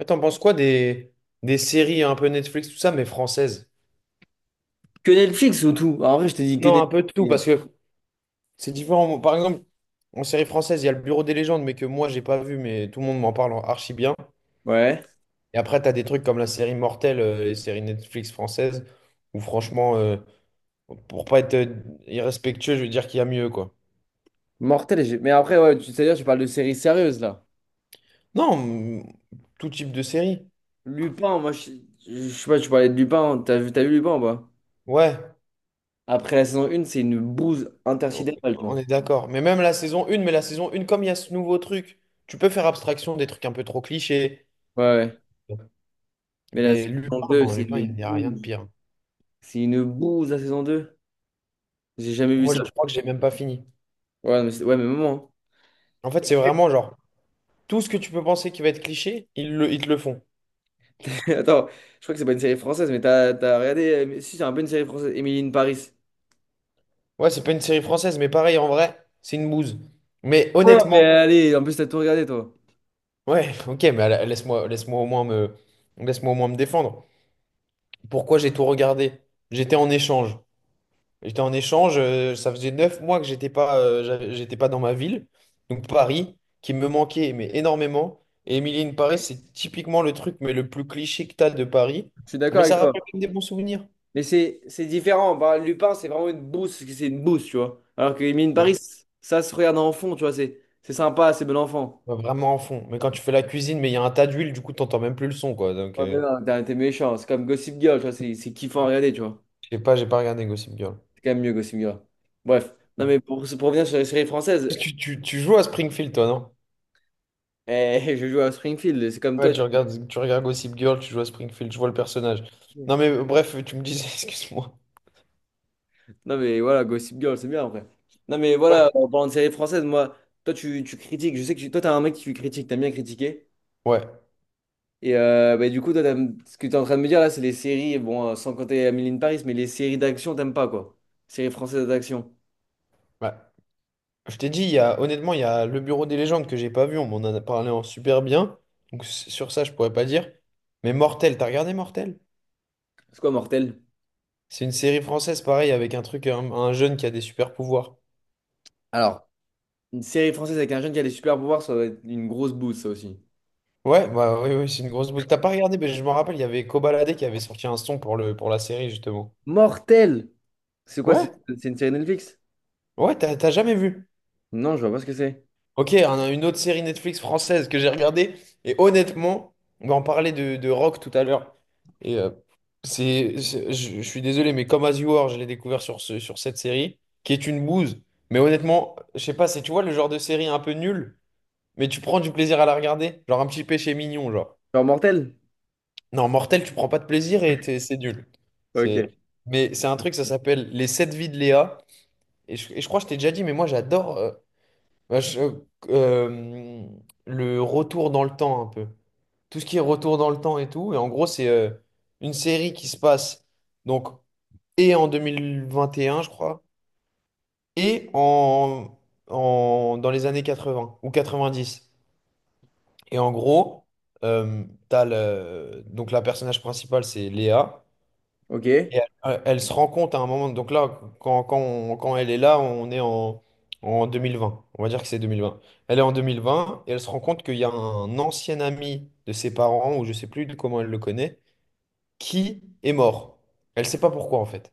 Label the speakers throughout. Speaker 1: Et t'en penses quoi des séries un peu Netflix, tout ça, mais françaises?
Speaker 2: Que Netflix surtout. En vrai, je te dis que
Speaker 1: Non, un peu de tout, parce
Speaker 2: Netflix.
Speaker 1: que c'est différent. Par exemple, en série française, il y a le Bureau des légendes, mais que moi, j'ai pas vu, mais tout le monde m'en parle en archi bien.
Speaker 2: Ouais.
Speaker 1: Et après, t'as des trucs comme la série Mortelle, les séries Netflix françaises, où franchement, pour pas être irrespectueux, je veux dire qu'il y a mieux, quoi.
Speaker 2: Mortel. Mais après, ouais, tu parles de séries sérieuses là.
Speaker 1: Non, mm, tout type de série.
Speaker 2: Lupin, moi, je sais pas, tu parlais de Lupin. T'as vu Lupin ou pas?
Speaker 1: Ouais,
Speaker 2: Après la saison 1, c'est une bouse intersidérale, tu
Speaker 1: on
Speaker 2: vois.
Speaker 1: est d'accord. Mais même la saison 1, mais la saison 1, comme il y a ce nouveau truc, tu peux faire abstraction des trucs un peu trop clichés.
Speaker 2: Ouais. Mais la
Speaker 1: Mais
Speaker 2: saison
Speaker 1: Lupin,
Speaker 2: 2,
Speaker 1: non,
Speaker 2: c'est
Speaker 1: Lupin, il
Speaker 2: une
Speaker 1: n'y a rien de
Speaker 2: bouse.
Speaker 1: pire.
Speaker 2: C'est une bouse la saison deux. J'ai jamais vu
Speaker 1: Moi,
Speaker 2: ça.
Speaker 1: je
Speaker 2: Je
Speaker 1: crois que j'ai même pas fini.
Speaker 2: crois. Ouais, mais maman.
Speaker 1: En fait, c'est vraiment genre, tout ce que tu peux penser qui va être cliché, ils te le font.
Speaker 2: Attends, je crois que c'est pas une série française, mais t'as regardé mais- Si, c'est un peu une série française. Émilie in Paris.
Speaker 1: Ouais, c'est pas une série française, mais pareil, en vrai, c'est une bouse. Mais
Speaker 2: Ouais, mais
Speaker 1: honnêtement,
Speaker 2: allez, en plus, t'as tout regardé, toi.
Speaker 1: ouais, ok, mais laisse-moi, laisse-moi au moins me défendre. Pourquoi j'ai tout regardé? J'étais en échange. J'étais en échange, ça faisait 9 mois que j'étais pas, j'étais pas dans ma ville, donc Paris, qui me manquait mais énormément. Et Emily in Paris, c'est typiquement le truc mais le plus cliché que t'as de Paris.
Speaker 2: Je suis d'accord
Speaker 1: Mais
Speaker 2: avec
Speaker 1: ça
Speaker 2: toi.
Speaker 1: rappelle quand même des bons souvenirs.
Speaker 2: Mais c'est différent. Bah, Lupin, c'est vraiment une bouse, parce que c'est une bouse, tu vois. Alors que Emily in
Speaker 1: Ouais.
Speaker 2: Paris, ça se regarde en fond, tu vois. C'est sympa, c'est bon enfant.
Speaker 1: Ouais, vraiment en fond. Mais quand tu fais la cuisine, mais il y a un tas d'huile, du coup, t'entends même plus le son, quoi. Donc,
Speaker 2: Oh, mais non, t'es méchant. C'est comme Gossip Girl, tu vois. C'est kiffant à regarder, tu vois.
Speaker 1: je sais pas, j'ai pas regardé Gossip Girl.
Speaker 2: C'est quand même mieux, Gossip Girl. Bref. Non,
Speaker 1: Ouais.
Speaker 2: mais pour revenir sur les séries françaises,
Speaker 1: Parce que tu joues à Springfield, toi, non?
Speaker 2: eh, je joue à Springfield, c'est comme
Speaker 1: Ouais,
Speaker 2: toi. Tu-
Speaker 1: tu regardes Gossip Girl, tu joues à Springfield, je vois le personnage. Non, mais bref, tu me disais, excuse-moi.
Speaker 2: Non, mais voilà, Gossip Girl, c'est bien après. Non, mais
Speaker 1: Ouais,
Speaker 2: voilà, en parlant de séries françaises, moi, toi, tu critiques. Je sais que tu- toi, t'es un mec qui critique, t'aimes bien critiquer.
Speaker 1: ouais,
Speaker 2: Et bah, du coup, toi, t'aimes- ce que tu es en train de me dire là, c'est les séries, bon, sans compter Amélie de Paris, mais les séries d'action, t'aimes pas quoi? Séries françaises d'action.
Speaker 1: ouais. Je t'ai dit, il y a, honnêtement, il y a le Bureau des légendes que j'ai pas vu. On m'en a parlé en super bien. Donc sur ça, je pourrais pas dire. Mais Mortel, t'as regardé Mortel?
Speaker 2: C'est quoi, Mortel?
Speaker 1: C'est une série française, pareil, avec un jeune qui a des super pouvoirs.
Speaker 2: Alors, une série française avec un jeune qui a des super pouvoirs, ça va être une grosse bouse, ça aussi.
Speaker 1: Ouais, bah oui, c'est une grosse bouse. T'as pas regardé, mais je me rappelle, il y avait Kobalade qui avait sorti un son pour pour la série, justement.
Speaker 2: Mortel! C'est quoi, c'est
Speaker 1: Ouais,
Speaker 2: c'est une série Netflix?
Speaker 1: ouais, t'as jamais vu.
Speaker 2: Non, je vois pas ce que c'est.
Speaker 1: Ok, on a une autre série Netflix française que j'ai regardée. Et honnêtement, on va en parler de Rock tout à l'heure. Et je suis désolé, mais comme As You Are, je l'ai découvert sur cette série, qui est une bouse. Mais honnêtement, je sais pas, c'est, tu vois, le genre de série un peu nulle, mais tu prends du plaisir à la regarder. Genre un petit péché mignon, genre.
Speaker 2: Genre Mortel?
Speaker 1: Non, Mortel, tu prends pas de plaisir et c'est nul.
Speaker 2: Ok.
Speaker 1: C'est, mais c'est un truc, ça s'appelle Les sept vies de Léa. Et je crois que je t'ai déjà dit, mais moi j'adore. Bah, je- euh, le retour dans le temps un peu. Tout ce qui est retour dans le temps et tout. Et en gros, c'est une série qui se passe donc et en 2021, je crois, et en, dans les années 80 ou 90. Et en gros, donc la personnage principale, c'est Léa.
Speaker 2: Ok.
Speaker 1: Et elle, elle se rend compte à un moment, donc là, quand elle est là, on est en 2020, on va dire que c'est 2020. Elle est en 2020 et elle se rend compte qu'il y a un ancien ami de ses parents, ou je sais plus de comment elle le connaît, qui est mort. Elle sait pas pourquoi en fait.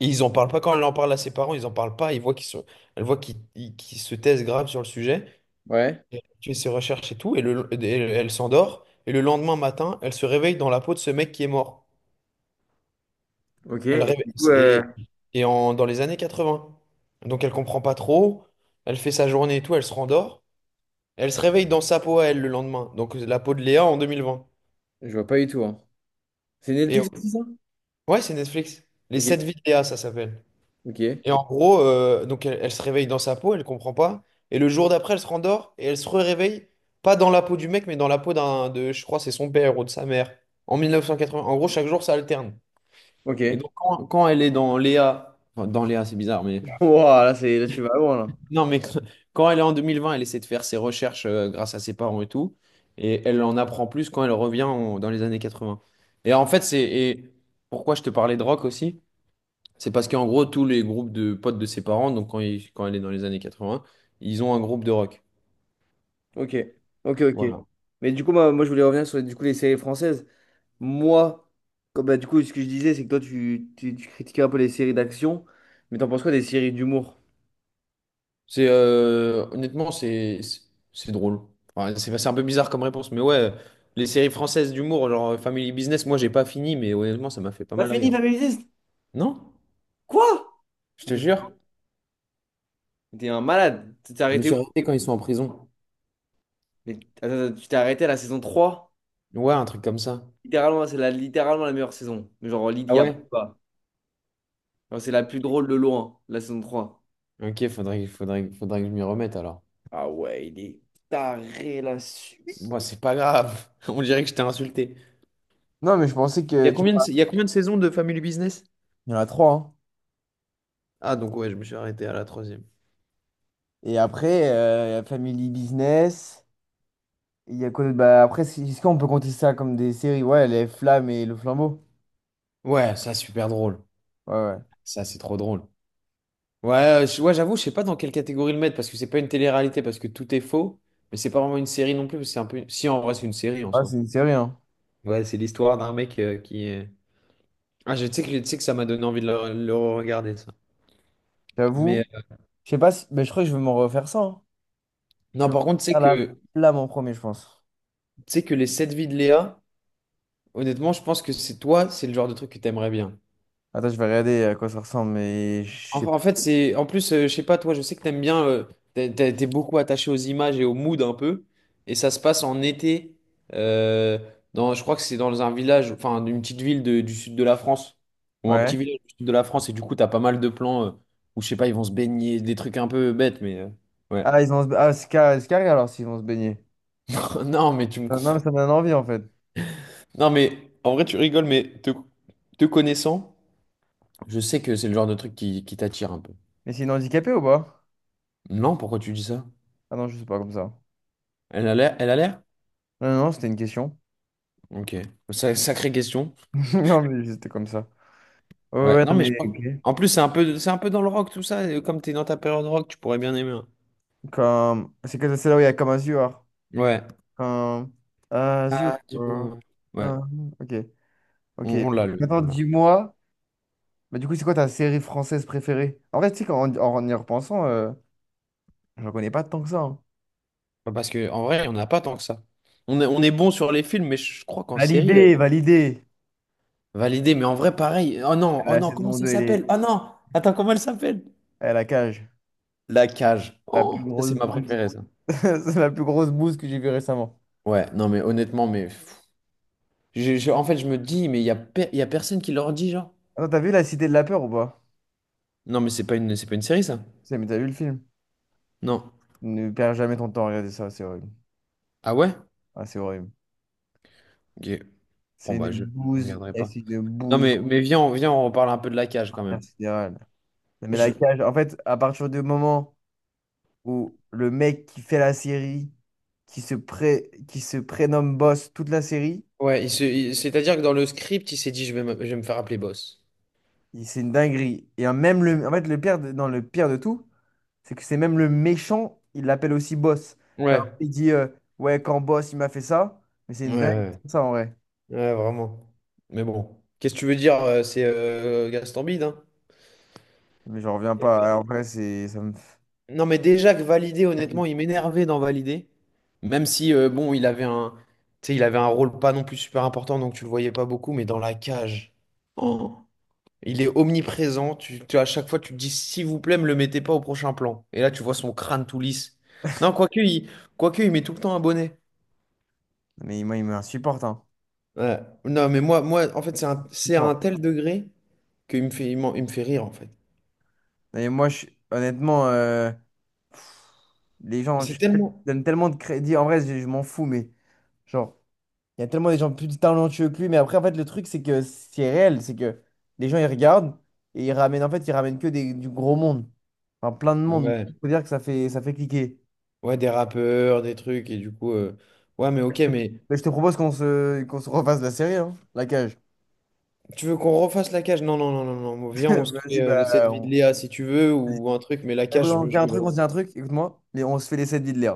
Speaker 1: Et ils en parlent pas quand elle en parle à ses parents, ils en parlent pas, ils voient qu'ils sont, elle voit qu'ils se taisent grave sur le sujet.
Speaker 2: Ouais.
Speaker 1: Et elle fait ses recherches et tout, et elle s'endort, et le lendemain matin, elle se réveille dans la peau de ce mec qui est mort.
Speaker 2: Ok.
Speaker 1: Elle
Speaker 2: Et
Speaker 1: rêve
Speaker 2: du coup,
Speaker 1: et, et dans les années 80. Donc elle comprend pas trop, elle fait sa journée et tout, elle se rendort. Elle se réveille dans sa peau à elle le lendemain. Donc la peau de Léa en 2020.
Speaker 2: je vois pas du tout, hein. C'est
Speaker 1: Et
Speaker 2: Netflix aussi, ça?
Speaker 1: ouais, c'est Netflix. Les
Speaker 2: Ok.
Speaker 1: sept vies de Léa, ça s'appelle.
Speaker 2: Ok.
Speaker 1: Et en gros, elle se réveille dans sa peau, elle comprend pas. Et le jour d'après, elle se rendort et elle se réveille, pas dans la peau du mec, mais dans la peau je crois, c'est son père ou de sa mère. En 1980. En gros, chaque jour, ça alterne.
Speaker 2: Ok.
Speaker 1: Et donc quand elle est dans Léa, enfin, dans Léa, c'est bizarre, mais
Speaker 2: Wow, là, tu vas loin, là.
Speaker 1: non, mais quand elle est en 2020, elle essaie de faire ses recherches grâce à ses parents et tout. Et elle en apprend plus quand elle revient dans les années 80. Et en fait, c'est et pourquoi je te parlais de rock aussi? C'est parce qu'en gros, tous les groupes de potes de ses parents, donc quand elle est dans les années 80, ils ont un groupe de rock.
Speaker 2: Ok, ok, ok.
Speaker 1: Voilà.
Speaker 2: Mais du coup, moi je voulais revenir sur du coup, les séries françaises. Moi, comme, bah, du coup, ce que je disais, c'est que toi, tu critiquais un peu les séries d'action, mais t'en penses quoi des séries d'humour?
Speaker 1: C'est honnêtement, c'est c'est drôle. Enfin, c'est un peu bizarre comme réponse, mais ouais, les séries françaises d'humour, genre Family Business, moi, j'ai pas fini, mais honnêtement, ça m'a fait pas
Speaker 2: Pas
Speaker 1: mal
Speaker 2: fini,
Speaker 1: rire.
Speaker 2: Family Business.
Speaker 1: Non?
Speaker 2: Quoi?
Speaker 1: Je
Speaker 2: Mais
Speaker 1: te
Speaker 2: T'es
Speaker 1: jure.
Speaker 2: mais t'es un malade. Tu t'es
Speaker 1: Je me
Speaker 2: arrêté où?
Speaker 1: suis arrêté quand ils sont en prison.
Speaker 2: Mais attends, tu t'es arrêté à la saison trois.
Speaker 1: Ouais, un truc comme ça.
Speaker 2: Littéralement, littéralement la meilleure saison. Mais genre,
Speaker 1: Ah
Speaker 2: Lydie a
Speaker 1: ouais?
Speaker 2: pas. Genre, c'est la plus drôle de loin, la saison 3.
Speaker 1: Ok, faudrait que je m'y remette alors.
Speaker 2: Ah ouais, il est taré la suite.
Speaker 1: Moi, c'est pas grave. On dirait que je t'ai insulté.
Speaker 2: Non, mais je pensais
Speaker 1: Il y
Speaker 2: que
Speaker 1: a
Speaker 2: tu...
Speaker 1: combien de saisons de Family Business?
Speaker 2: Il y en a trois, hein.
Speaker 1: Ah, donc ouais, je me suis arrêté à la troisième.
Speaker 2: Et après, il y a Family Business. Il y a quoi d'autre? Bah, après, c'est- est-ce qu'on peut compter ça comme des séries? Ouais, Les Flammes et Le Flambeau.
Speaker 1: Ouais, ça, super drôle.
Speaker 2: Ouais, ouais.
Speaker 1: Ça, c'est trop drôle. Ouais, ouais, j'avoue, je sais pas dans quelle catégorie le mettre parce que c'est pas une télé-réalité parce que tout est faux, mais c'est pas vraiment une série non plus. Parce que c'est un peu… Si, en vrai, c'est une série en
Speaker 2: Ah,
Speaker 1: soi.
Speaker 2: c'est une série, hein.
Speaker 1: Ouais, c'est l'histoire d'un mec qui est. Ah, je sais que ça m'a donné envie de le regarder, ça. Mais
Speaker 2: J'avoue. Je sais pas si. Mais je crois que je vais m'en refaire ça, hein. Je
Speaker 1: non,
Speaker 2: vais m'en
Speaker 1: par contre,
Speaker 2: refaire La Flamme en premier, je pense.
Speaker 1: tu sais que les sept vies de Léa. Honnêtement, je pense que c'est toi, c'est le genre de truc que t'aimerais bien.
Speaker 2: Attends, je vais regarder à quoi ça ressemble, mais je sais
Speaker 1: Enfin, en
Speaker 2: pas.
Speaker 1: fait, c'est en plus, je sais pas, toi, je sais que t'aimes bien, t'es beaucoup attaché aux images et au mood un peu, et ça se passe en été. euh, Dans, je crois que c'est dans un village, enfin, d'une petite ville du sud de la France, ou un petit
Speaker 2: Ouais.
Speaker 1: village du sud de la France, et du coup, t'as pas mal de plans où je sais pas, ils vont se baigner, des trucs un peu bêtes, mais ouais.
Speaker 2: Ah, ils vont se... ah, c'est carré alors s'ils vont se baigner.
Speaker 1: Non, mais tu me
Speaker 2: Non,
Speaker 1: comprends.
Speaker 2: mais ça me donne envie en fait.
Speaker 1: Non, mais en vrai, tu rigoles, mais te connaissant, je sais que c'est le genre de truc qui t'attire un peu.
Speaker 2: Mais c'est une handicapée ou pas?
Speaker 1: Non, pourquoi tu dis ça?
Speaker 2: Ah non, je sais pas comme ça.
Speaker 1: Elle a l'air?
Speaker 2: Non, c'était une question.
Speaker 1: Ok. Sacrée question.
Speaker 2: Non, mais c'était comme ça. Ouais,
Speaker 1: Ouais.
Speaker 2: ouais,
Speaker 1: Non,
Speaker 2: non,
Speaker 1: mais
Speaker 2: mais
Speaker 1: je pense.
Speaker 2: ok.
Speaker 1: En plus, c'est un peu dans le rock, tout ça. Et comme t'es dans ta période rock, tu pourrais bien aimer, hein.
Speaker 2: Comme, c'est que c'est là où il y a comme Azure.
Speaker 1: Ouais.
Speaker 2: Comme Azure.
Speaker 1: Ah, du coup, ouais.
Speaker 2: Euh, ok, ok. Maintenant,
Speaker 1: On l'a.
Speaker 2: dis-moi, mais du coup, c'est quoi ta série française préférée? En vrai, tu sais, qu'en- en y repensant, je connais pas tant que ça, hein.
Speaker 1: Enfin, parce que en vrai, on n'a pas tant que ça. On est bon sur les films, mais je crois qu'en série,
Speaker 2: Validé.
Speaker 1: validé. Mais en vrai, pareil. Oh non, oh
Speaker 2: La
Speaker 1: non, comment
Speaker 2: saison
Speaker 1: ça
Speaker 2: 2 elle est
Speaker 1: s'appelle? Oh non! Attends, comment elle s'appelle?
Speaker 2: elle la cage.
Speaker 1: La cage.
Speaker 2: La
Speaker 1: Oh,
Speaker 2: plus
Speaker 1: ça,
Speaker 2: grosse
Speaker 1: c'est ma
Speaker 2: bouse.
Speaker 1: préférée, ça.
Speaker 2: C'est la plus grosse bouse que j'ai vue récemment.
Speaker 1: Ouais, non, mais honnêtement, mais pff, en fait, je me dis, mais il y a, il y a personne qui leur dit, genre.
Speaker 2: Attends, t'as vu La Cité de la Peur ou pas?
Speaker 1: Non, mais c'est pas une série, ça?
Speaker 2: C'est, mais t'as vu le film?
Speaker 1: Non.
Speaker 2: Ne perds jamais ton temps à regarder ça, c'est horrible.
Speaker 1: Ah ouais?
Speaker 2: Ah, c'est horrible.
Speaker 1: Ok. Bon,
Speaker 2: C'est
Speaker 1: bah,
Speaker 2: une
Speaker 1: je ne
Speaker 2: bouse,
Speaker 1: regarderai
Speaker 2: et
Speaker 1: pas.
Speaker 2: c'est une
Speaker 1: Non,
Speaker 2: bouse
Speaker 1: mais viens, viens, on reparle un peu de la cage quand même.
Speaker 2: intersidérale. Non, mais la
Speaker 1: Je-
Speaker 2: cage, en fait, à partir du moment où le mec qui fait la série, qui se prénomme boss toute la série,
Speaker 1: ouais, c'est-à-dire que dans le script, il s'est dit, je vais me faire appeler boss.
Speaker 2: il- c'est une dinguerie. Et hein, même le, en fait, non, le pire de tout, c'est que c'est même le méchant, il l'appelle aussi boss. Genre,
Speaker 1: Ouais.
Speaker 2: il dit, ouais, quand boss, il m'a fait ça, mais c'est
Speaker 1: Ouais,
Speaker 2: une dinguerie,
Speaker 1: ouais,
Speaker 2: ça, en vrai.
Speaker 1: ouais, vraiment. Mais bon. Qu'est-ce que tu veux dire? C'est Gaston Bide, hein?
Speaker 2: Mais j'en reviens pas. Ça me fait.
Speaker 1: Non, mais déjà que Validé, honnêtement, il m'énervait dans Validé. Même si, bon, tu sais, il avait un rôle pas non plus super important, donc tu le voyais pas beaucoup, mais dans la cage. Oh. Il est omniprésent. À chaque fois, tu te dis, s'il vous plaît, me le mettez pas au prochain plan. Et là, tu vois son crâne tout lisse. Non, quoique, il met tout le temps un bonnet.
Speaker 2: Mais moi, il m'insupporte, hein.
Speaker 1: Ouais. Non, moi, en fait, c'est à un
Speaker 2: Support.
Speaker 1: tel degré qu'il me fait, il me fait rire, en fait.
Speaker 2: Et moi, honnêtement, les
Speaker 1: Mais
Speaker 2: gens,
Speaker 1: c'est
Speaker 2: je
Speaker 1: tellement.
Speaker 2: donne tellement de crédit. En vrai, je m'en fous, mais genre, il y a tellement des gens plus talentueux que lui. Mais après, en fait, le truc, c'est que c'est réel. C'est que les gens, ils regardent et ils ramènent, en fait, ils ramènent que des, du gros monde. Enfin, plein de monde.
Speaker 1: Ouais.
Speaker 2: Il faut dire que ça fait cliquer.
Speaker 1: Ouais, des rappeurs, des trucs, et du coup. Ouais, mais ok, mais
Speaker 2: Mais je te propose qu'on se refasse la série, hein, la cage.
Speaker 1: tu veux qu'on refasse la cage? Non, non, non, non, non. Viens, on se fait
Speaker 2: Vas-y, bah,
Speaker 1: les 7 vies de
Speaker 2: on...
Speaker 1: Léa si tu veux,
Speaker 2: vas-y.
Speaker 1: ou un truc, mais la
Speaker 2: Écoute,
Speaker 1: cage, je me le
Speaker 2: on se dit un truc. Écoute-moi, mais on se fait les 7 vies de l'air.